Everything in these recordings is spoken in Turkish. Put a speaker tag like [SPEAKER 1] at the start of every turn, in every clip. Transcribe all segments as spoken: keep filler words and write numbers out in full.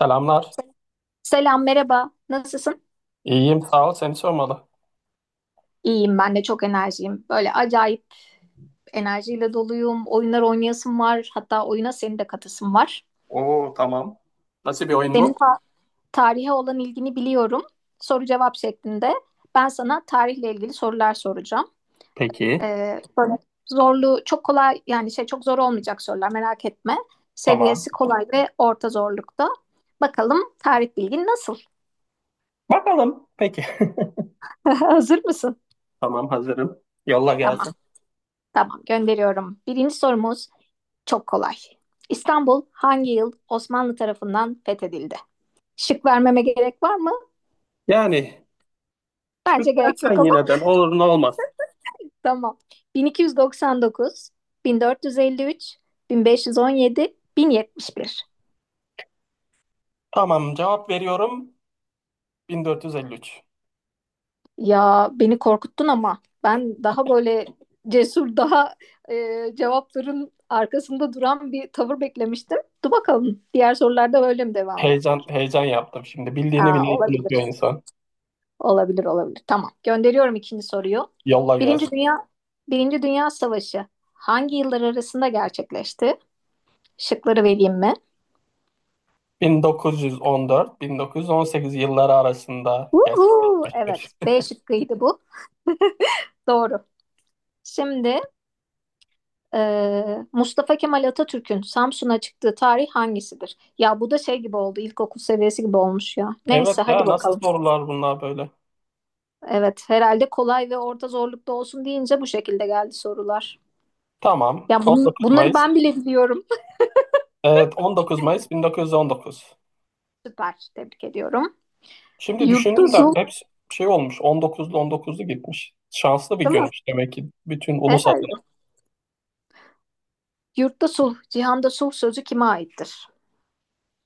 [SPEAKER 1] Selamlar.
[SPEAKER 2] Selam, merhaba. Nasılsın?
[SPEAKER 1] İyiyim, sağ ol. Seni sormalı.
[SPEAKER 2] İyiyim ben de çok enerjiyim. Böyle acayip enerjiyle doluyum. Oyunlar oynayasım var. Hatta oyuna senin de katasım var.
[SPEAKER 1] Oo, tamam. Nasıl bir oyun
[SPEAKER 2] Senin
[SPEAKER 1] bu?
[SPEAKER 2] ta- Tarihe olan ilgini biliyorum. Soru cevap şeklinde. Ben sana tarihle ilgili sorular soracağım.
[SPEAKER 1] Peki,
[SPEAKER 2] Ee, böyle zorlu, çok kolay yani şey çok zor olmayacak sorular merak etme.
[SPEAKER 1] tamam.
[SPEAKER 2] Seviyesi kolay ve orta zorlukta. Bakalım tarih bilgin nasıl?
[SPEAKER 1] Bakalım. Peki.
[SPEAKER 2] Hazır mısın?
[SPEAKER 1] Tamam, hazırım. Yolla
[SPEAKER 2] Tamam,
[SPEAKER 1] gelsin.
[SPEAKER 2] tamam gönderiyorum. Birinci sorumuz. Çok kolay. İstanbul hangi yıl Osmanlı tarafından fethedildi? Şık vermeme gerek var mı?
[SPEAKER 1] Yani
[SPEAKER 2] Bence gerek yok
[SPEAKER 1] şükretsen
[SPEAKER 2] ama.
[SPEAKER 1] yineden olur, ne olmaz.
[SPEAKER 2] Tamam. bin iki yüz doksan dokuz, bin dört yüz elli üç, bin beş yüz on yedi, bin yetmiş bir.
[SPEAKER 1] Tamam, cevap veriyorum. bin dört yüz elli üç.
[SPEAKER 2] Ya beni korkuttun ama ben daha böyle cesur, daha e, cevapların arkasında duran bir tavır beklemiştim. Dur bakalım diğer sorularda böyle mi devam
[SPEAKER 1] Heyecan
[SPEAKER 2] edecek?
[SPEAKER 1] heyecan yaptım şimdi. Bildiğini
[SPEAKER 2] Aa,
[SPEAKER 1] bile unutuyor
[SPEAKER 2] olabilir.
[SPEAKER 1] insan.
[SPEAKER 2] Olabilir, olabilir. Tamam. Gönderiyorum ikinci soruyu.
[SPEAKER 1] Yolla
[SPEAKER 2] Birinci
[SPEAKER 1] gelsin.
[SPEAKER 2] Dünya Birinci Dünya Savaşı hangi yıllar arasında gerçekleşti? Şıkları vereyim mi?
[SPEAKER 1] bin dokuz yüz on dört-bin dokuz yüz on sekiz yılları arasında
[SPEAKER 2] Uhu,
[SPEAKER 1] gerçekleşir.
[SPEAKER 2] evet. B şıkkıydı bu. Doğru. Şimdi e, Mustafa Kemal Atatürk'ün Samsun'a çıktığı tarih hangisidir? Ya bu da şey gibi oldu. İlkokul seviyesi gibi olmuş ya.
[SPEAKER 1] Evet
[SPEAKER 2] Neyse hadi
[SPEAKER 1] ya, nasıl
[SPEAKER 2] bakalım.
[SPEAKER 1] sorular bunlar böyle?
[SPEAKER 2] Evet, herhalde kolay ve orta zorlukta olsun deyince bu şekilde geldi sorular.
[SPEAKER 1] Tamam.
[SPEAKER 2] Ya bunun,
[SPEAKER 1] on dokuz
[SPEAKER 2] bunları
[SPEAKER 1] Mayıs.
[SPEAKER 2] ben bile biliyorum.
[SPEAKER 1] Evet, on dokuz Mayıs bin dokuz yüz on dokuz.
[SPEAKER 2] Süper. Tebrik ediyorum.
[SPEAKER 1] Şimdi
[SPEAKER 2] Yurtta
[SPEAKER 1] düşündüm de
[SPEAKER 2] sulh,
[SPEAKER 1] hepsi şey olmuş. on dokuzlu on dokuzlu gitmiş. Şanslı bir
[SPEAKER 2] değil mi?
[SPEAKER 1] günmüş demek ki bütün ulus
[SPEAKER 2] Herhalde.
[SPEAKER 1] adına.
[SPEAKER 2] Yurtta sulh, cihanda sulh sözü kime aittir?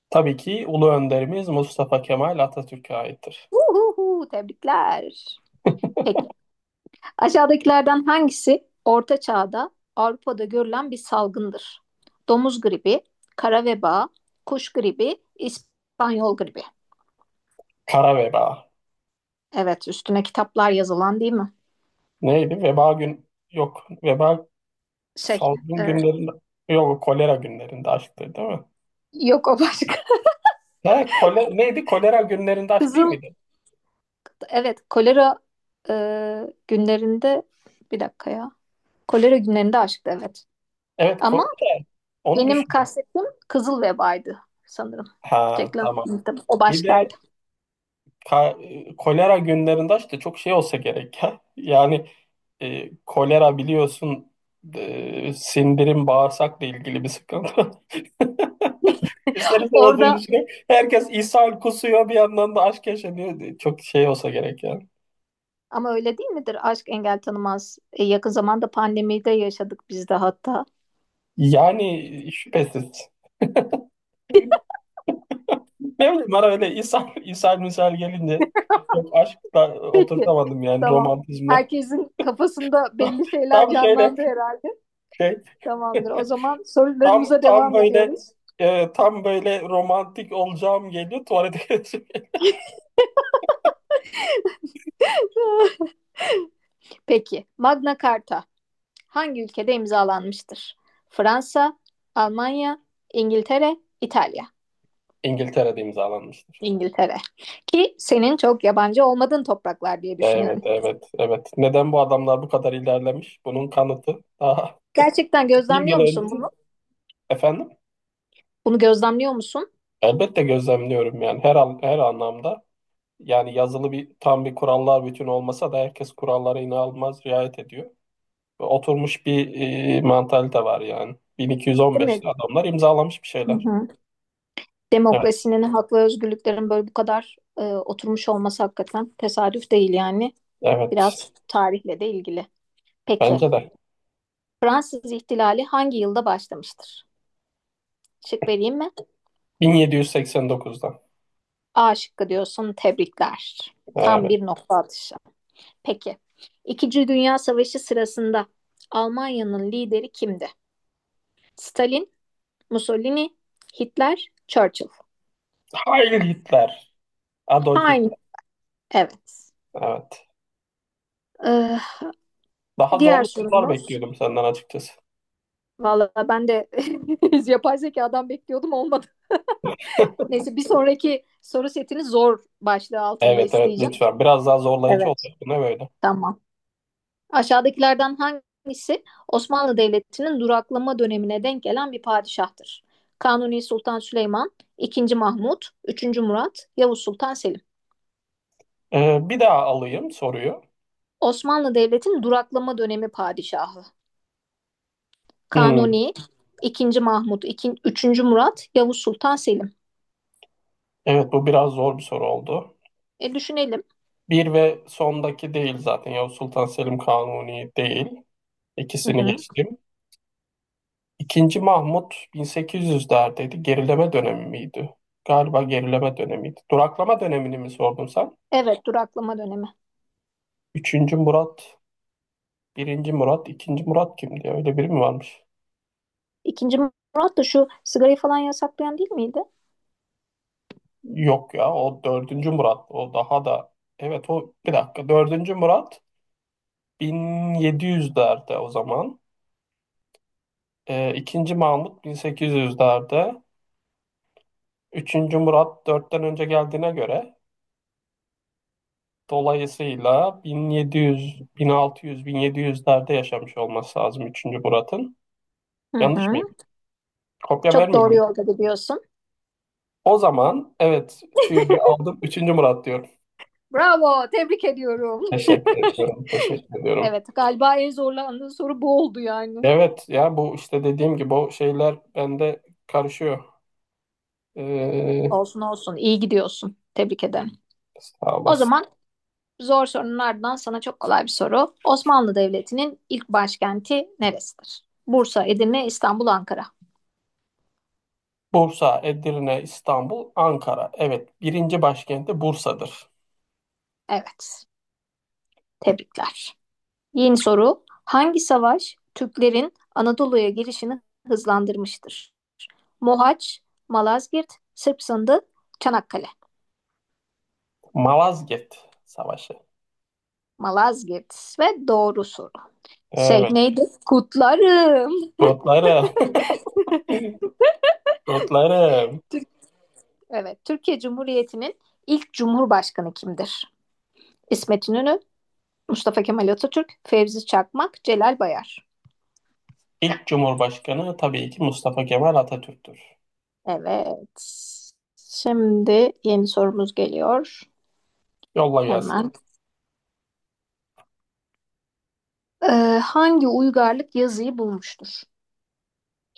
[SPEAKER 1] Tabii ki ulu önderimiz Mustafa Kemal Atatürk'e aittir.
[SPEAKER 2] Uhuhu, tebrikler. Peki. Aşağıdakilerden hangisi Orta Çağ'da Avrupa'da görülen bir salgındır? Domuz gribi, kara veba, kuş gribi, İspanyol gribi.
[SPEAKER 1] Kara veba.
[SPEAKER 2] Evet, üstüne kitaplar yazılan değil mi?
[SPEAKER 1] Neydi? Veba gün... yok. Veba
[SPEAKER 2] Şey,
[SPEAKER 1] salgın
[SPEAKER 2] e,
[SPEAKER 1] günlerinde... yok, kolera günlerinde açtı değil mi?
[SPEAKER 2] yok o başka.
[SPEAKER 1] Ne? Kole, neydi? Kolera günlerinde aç değil
[SPEAKER 2] Kızıl,
[SPEAKER 1] miydi?
[SPEAKER 2] evet, kolera e, günlerinde, bir dakika ya. Kolera günlerinde aşktı, evet.
[SPEAKER 1] Evet, ko-
[SPEAKER 2] Ama
[SPEAKER 1] o da onu
[SPEAKER 2] benim
[SPEAKER 1] düşündüm.
[SPEAKER 2] kastettiğim kızıl vebaydı sanırım.
[SPEAKER 1] Ha,
[SPEAKER 2] Reklam
[SPEAKER 1] tamam.
[SPEAKER 2] tabii o
[SPEAKER 1] Bir
[SPEAKER 2] başkaydı.
[SPEAKER 1] de Ka- e, kolera günlerinde işte çok şey olsa gerek ya. Yani e, kolera biliyorsun, e, sindirim bağırsakla ilgili bir sıkıntı. İster istemez bunu
[SPEAKER 2] Orada
[SPEAKER 1] düşünün. Herkes ishal kusuyor, bir yandan da aşk yaşanıyor. E, Çok şey olsa gerek ya.
[SPEAKER 2] ama öyle değil midir? Aşk engel tanımaz. E, yakın zamanda pandemide yaşadık biz de hatta.
[SPEAKER 1] Yani şüphesiz. Ne bileyim, bana öyle ishal, ishal misal gelince çok aşkla
[SPEAKER 2] Peki.
[SPEAKER 1] oturtamadım, yani
[SPEAKER 2] Tamam.
[SPEAKER 1] romantizmle.
[SPEAKER 2] Herkesin kafasında belli şeyler
[SPEAKER 1] Tam şöyle
[SPEAKER 2] canlandı herhalde.
[SPEAKER 1] şey
[SPEAKER 2] Tamamdır. O zaman
[SPEAKER 1] Tam
[SPEAKER 2] sorularımıza
[SPEAKER 1] tam
[SPEAKER 2] devam
[SPEAKER 1] böyle
[SPEAKER 2] ediyoruz.
[SPEAKER 1] e, tam böyle romantik olacağım geliyor. Tuvalete gideceğim.
[SPEAKER 2] Peki. Magna Carta hangi ülkede imzalanmıştır? Fransa, Almanya, İngiltere, İtalya.
[SPEAKER 1] İngiltere'de imzalanmıştır.
[SPEAKER 2] İngiltere. Ki senin çok yabancı olmadığın topraklar diye
[SPEAKER 1] Evet,
[SPEAKER 2] düşünüyorum.
[SPEAKER 1] evet, evet. Neden bu adamlar bu kadar ilerlemiş? Bunun kanıtı daha
[SPEAKER 2] Gerçekten
[SPEAKER 1] bin yıl
[SPEAKER 2] gözlemliyor musun
[SPEAKER 1] önce.
[SPEAKER 2] bunu?
[SPEAKER 1] Efendim?
[SPEAKER 2] Bunu gözlemliyor musun?
[SPEAKER 1] Elbette gözlemliyorum, yani her an, her anlamda. Yani yazılı bir tam bir kurallar bütün olmasa da herkes kurallara inanılmaz riayet ediyor. Ve oturmuş bir e, mantalite var yani.
[SPEAKER 2] Değil mi?
[SPEAKER 1] bin iki yüz on beşte adamlar imzalamış bir
[SPEAKER 2] Hı
[SPEAKER 1] şeyler.
[SPEAKER 2] hı.
[SPEAKER 1] Evet,
[SPEAKER 2] Demokrasinin, hak ve özgürlüklerin böyle bu kadar e, oturmuş olması hakikaten tesadüf değil yani.
[SPEAKER 1] evet.
[SPEAKER 2] Biraz tarihle de ilgili. Peki,
[SPEAKER 1] Bence de.
[SPEAKER 2] Fransız ihtilali hangi yılda başlamıştır? Şık vereyim mi?
[SPEAKER 1] bin yedi yüz seksen dokuzda.
[SPEAKER 2] A şıkkı diyorsun, tebrikler. Tam
[SPEAKER 1] Evet.
[SPEAKER 2] bir nokta atışı. Peki, İkinci Dünya Savaşı sırasında Almanya'nın lideri kimdi? Stalin, Mussolini, Hitler, Churchill.
[SPEAKER 1] Heil Hitler. Adolf
[SPEAKER 2] Aynı.
[SPEAKER 1] Hitler.
[SPEAKER 2] Evet.
[SPEAKER 1] Evet.
[SPEAKER 2] Ee,
[SPEAKER 1] Daha
[SPEAKER 2] Diğer
[SPEAKER 1] zorlu sorular
[SPEAKER 2] sorumuz.
[SPEAKER 1] bekliyordum senden açıkçası.
[SPEAKER 2] Valla ben de yapay zekadan bekliyordum olmadı. Neyse bir sonraki soru setini zor başlığı altında
[SPEAKER 1] Evet, evet,
[SPEAKER 2] isteyeceğim.
[SPEAKER 1] lütfen. Biraz daha zorlayıcı
[SPEAKER 2] Evet.
[SPEAKER 1] olacak. Bu ne böyle?
[SPEAKER 2] Tamam. Aşağıdakilerden hangisi Osmanlı Devleti'nin duraklama dönemine denk gelen bir padişahtır? Kanuni Sultan Süleyman, ikinci. Mahmut, üçüncü. Murat, Yavuz Sultan Selim.
[SPEAKER 1] Ee, bir daha alayım soruyu.
[SPEAKER 2] Osmanlı Devleti'nin duraklama dönemi padişahı.
[SPEAKER 1] Hmm.
[SPEAKER 2] Kanuni, ikinci Mahmut, ikin, üçüncü Murat, Yavuz Sultan Selim.
[SPEAKER 1] Evet, bu biraz zor bir soru oldu.
[SPEAKER 2] E düşünelim.
[SPEAKER 1] Bir ve sondaki değil zaten. Yavuz Sultan Selim, Kanuni değil.
[SPEAKER 2] Hı
[SPEAKER 1] İkisini
[SPEAKER 2] hı.
[SPEAKER 1] geçtim. İkinci Mahmut bin sekiz yüzlerdeydi. Gerileme dönemi miydi? Galiba gerileme dönemiydi. Duraklama dönemini mi sordun sen?
[SPEAKER 2] Evet, duraklama dönemi.
[SPEAKER 1] Üçüncü Murat Birinci Murat, ikinci Murat kimdi ya? Öyle biri mi varmış?
[SPEAKER 2] İkinci Murat da şu sigarayı falan yasaklayan değil miydi?
[SPEAKER 1] Yok ya, o dördüncü Murat. O daha da... Evet, o, bir dakika. Dördüncü Murat bin yedi yüzlerde o zaman. Ee, ikinci Mahmut bin sekiz yüzlerde. Üçüncü Murat dörtten önce geldiğine göre, dolayısıyla bin yedi yüz, bin altı yüz, bin yedi yüzlerde yaşamış olması lazım üçüncü Murat'ın.
[SPEAKER 2] Hı
[SPEAKER 1] Yanlış
[SPEAKER 2] hı.
[SPEAKER 1] mıyım? Kopya
[SPEAKER 2] Çok
[SPEAKER 1] vermeyeyim
[SPEAKER 2] doğru
[SPEAKER 1] mi?
[SPEAKER 2] yolda gidiyorsun.
[SPEAKER 1] O zaman evet, tüyoyu aldım. Üçüncü Murat diyorum.
[SPEAKER 2] Bravo, tebrik ediyorum.
[SPEAKER 1] Teşekkür ediyorum. Teşekkür ediyorum.
[SPEAKER 2] Evet, galiba en zorlandığı soru bu oldu yani.
[SPEAKER 1] Evet ya, bu işte dediğim gibi o şeyler bende karışıyor. Ee,
[SPEAKER 2] Olsun olsun iyi gidiyorsun. Tebrik ederim.
[SPEAKER 1] sağ
[SPEAKER 2] O
[SPEAKER 1] olasın.
[SPEAKER 2] zaman zor sorunun ardından sana çok kolay bir soru. Osmanlı Devleti'nin ilk başkenti neresidir? Bursa, Edirne, İstanbul, Ankara.
[SPEAKER 1] Bursa, Edirne, İstanbul, Ankara. Evet, birinci başkenti Bursa'dır.
[SPEAKER 2] Evet. Tebrikler. Yeni soru. Hangi savaş Türklerin Anadolu'ya girişini hızlandırmıştır? Mohaç, Malazgirt, Sırp Sındı, Çanakkale.
[SPEAKER 1] Malazgirt Savaşı.
[SPEAKER 2] Malazgirt ve doğru soru. Şey
[SPEAKER 1] Evet.
[SPEAKER 2] neydi? Kutlarım.
[SPEAKER 1] Kutlarım. Kutlarım.
[SPEAKER 2] Türk, evet, Türkiye Cumhuriyeti'nin ilk cumhurbaşkanı kimdir? İsmet İnönü, Mustafa Kemal Atatürk, Fevzi Çakmak, Celal Bayar.
[SPEAKER 1] İlk Cumhurbaşkanı tabii ki Mustafa Kemal Atatürk'tür.
[SPEAKER 2] Evet. Şimdi yeni sorumuz geliyor.
[SPEAKER 1] Yolla gelsin.
[SPEAKER 2] Hemen. Ee, Hangi uygarlık yazıyı bulmuştur?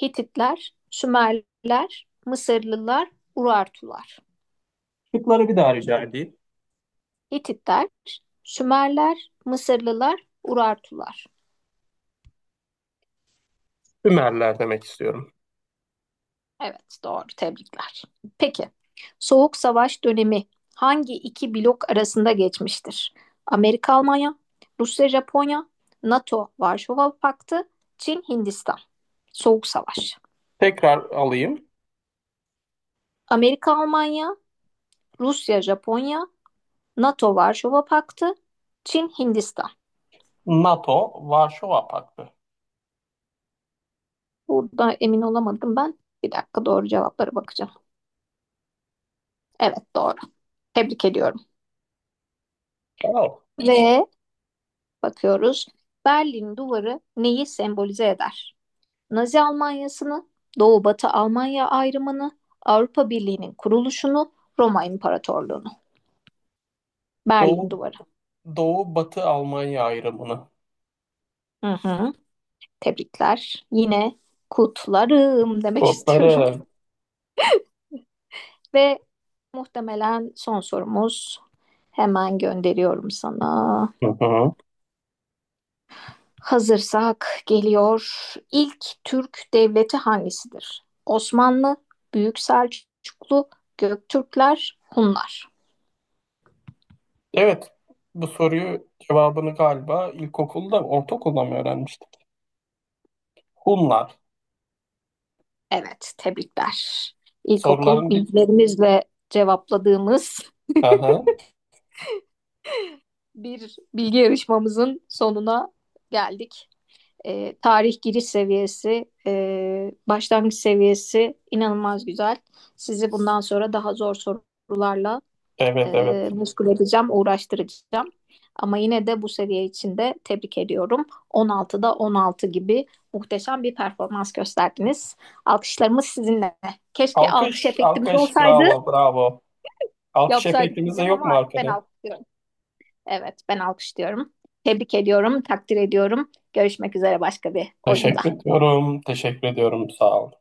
[SPEAKER 2] Hititler, Sümerler, Mısırlılar, Urartular.
[SPEAKER 1] Şıkları bir daha rica edeyim.
[SPEAKER 2] Hititler, Sümerler, Mısırlılar, Urartular.
[SPEAKER 1] Ümerler demek istiyorum.
[SPEAKER 2] Evet, doğru. Tebrikler. Peki, Soğuk Savaş dönemi hangi iki blok arasında geçmiştir? Amerika Almanya, Rusya Japonya, NATO Varşova Paktı, Çin Hindistan. Soğuk Savaş.
[SPEAKER 1] Tekrar alayım.
[SPEAKER 2] Amerika Almanya, Rusya Japonya, NATO Varşova Paktı, Çin Hindistan.
[SPEAKER 1] NATO, Varşova Paktı.
[SPEAKER 2] Burada emin olamadım ben. Bir dakika doğru cevaplara bakacağım. Evet doğru. Tebrik ediyorum.
[SPEAKER 1] Wow.
[SPEAKER 2] Ve bakıyoruz. Berlin Duvarı neyi sembolize eder? Nazi Almanyası'nı, Doğu-Batı Almanya ayrımını, Avrupa Birliği'nin kuruluşunu, Roma İmparatorluğunu, Berlin
[SPEAKER 1] Doğu
[SPEAKER 2] Duvarı.
[SPEAKER 1] Doğu Batı Almanya ayrımını.
[SPEAKER 2] Hı hı. Tebrikler. Yine kutlarım demek istiyorum.
[SPEAKER 1] Kodları.
[SPEAKER 2] Ve muhtemelen son sorumuz. Hemen gönderiyorum sana.
[SPEAKER 1] Hı hı.
[SPEAKER 2] Hazırsak geliyor. İlk Türk devleti hangisidir? Osmanlı, Büyük Selçuklu, Göktürkler, Hunlar.
[SPEAKER 1] Evet. Bu soruyu cevabını galiba ilkokulda, ortaokulda mı öğrenmiştik? Hunlar.
[SPEAKER 2] Evet, tebrikler. İlkokul
[SPEAKER 1] Soruların bir...
[SPEAKER 2] bilgilerimizle cevapladığımız
[SPEAKER 1] Hı hı.
[SPEAKER 2] bir bilgi yarışmamızın sonuna geldik. Ee, tarih giriş seviyesi, e, başlangıç seviyesi inanılmaz güzel. Sizi bundan sonra daha zor sorularla
[SPEAKER 1] Evet,
[SPEAKER 2] e,
[SPEAKER 1] evet.
[SPEAKER 2] meşgul edeceğim, uğraştıracağım. Ama yine de bu seviye için de tebrik ediyorum. on altıda on altı gibi muhteşem bir performans gösterdiniz. Alkışlarımız sizinle. Keşke alkış
[SPEAKER 1] Alkış,
[SPEAKER 2] efektimiz
[SPEAKER 1] alkış.
[SPEAKER 2] olsaydı.
[SPEAKER 1] Bravo, bravo. Alkış
[SPEAKER 2] Yapsaydık
[SPEAKER 1] efektimiz de
[SPEAKER 2] diyeceğim
[SPEAKER 1] yok
[SPEAKER 2] ama
[SPEAKER 1] mu
[SPEAKER 2] artık ben
[SPEAKER 1] arkada?
[SPEAKER 2] alkışlıyorum. Evet, ben alkışlıyorum. Tebrik ediyorum, takdir ediyorum. Görüşmek üzere başka bir oyunda.
[SPEAKER 1] Teşekkür ediyorum, teşekkür ediyorum. Sağ ol.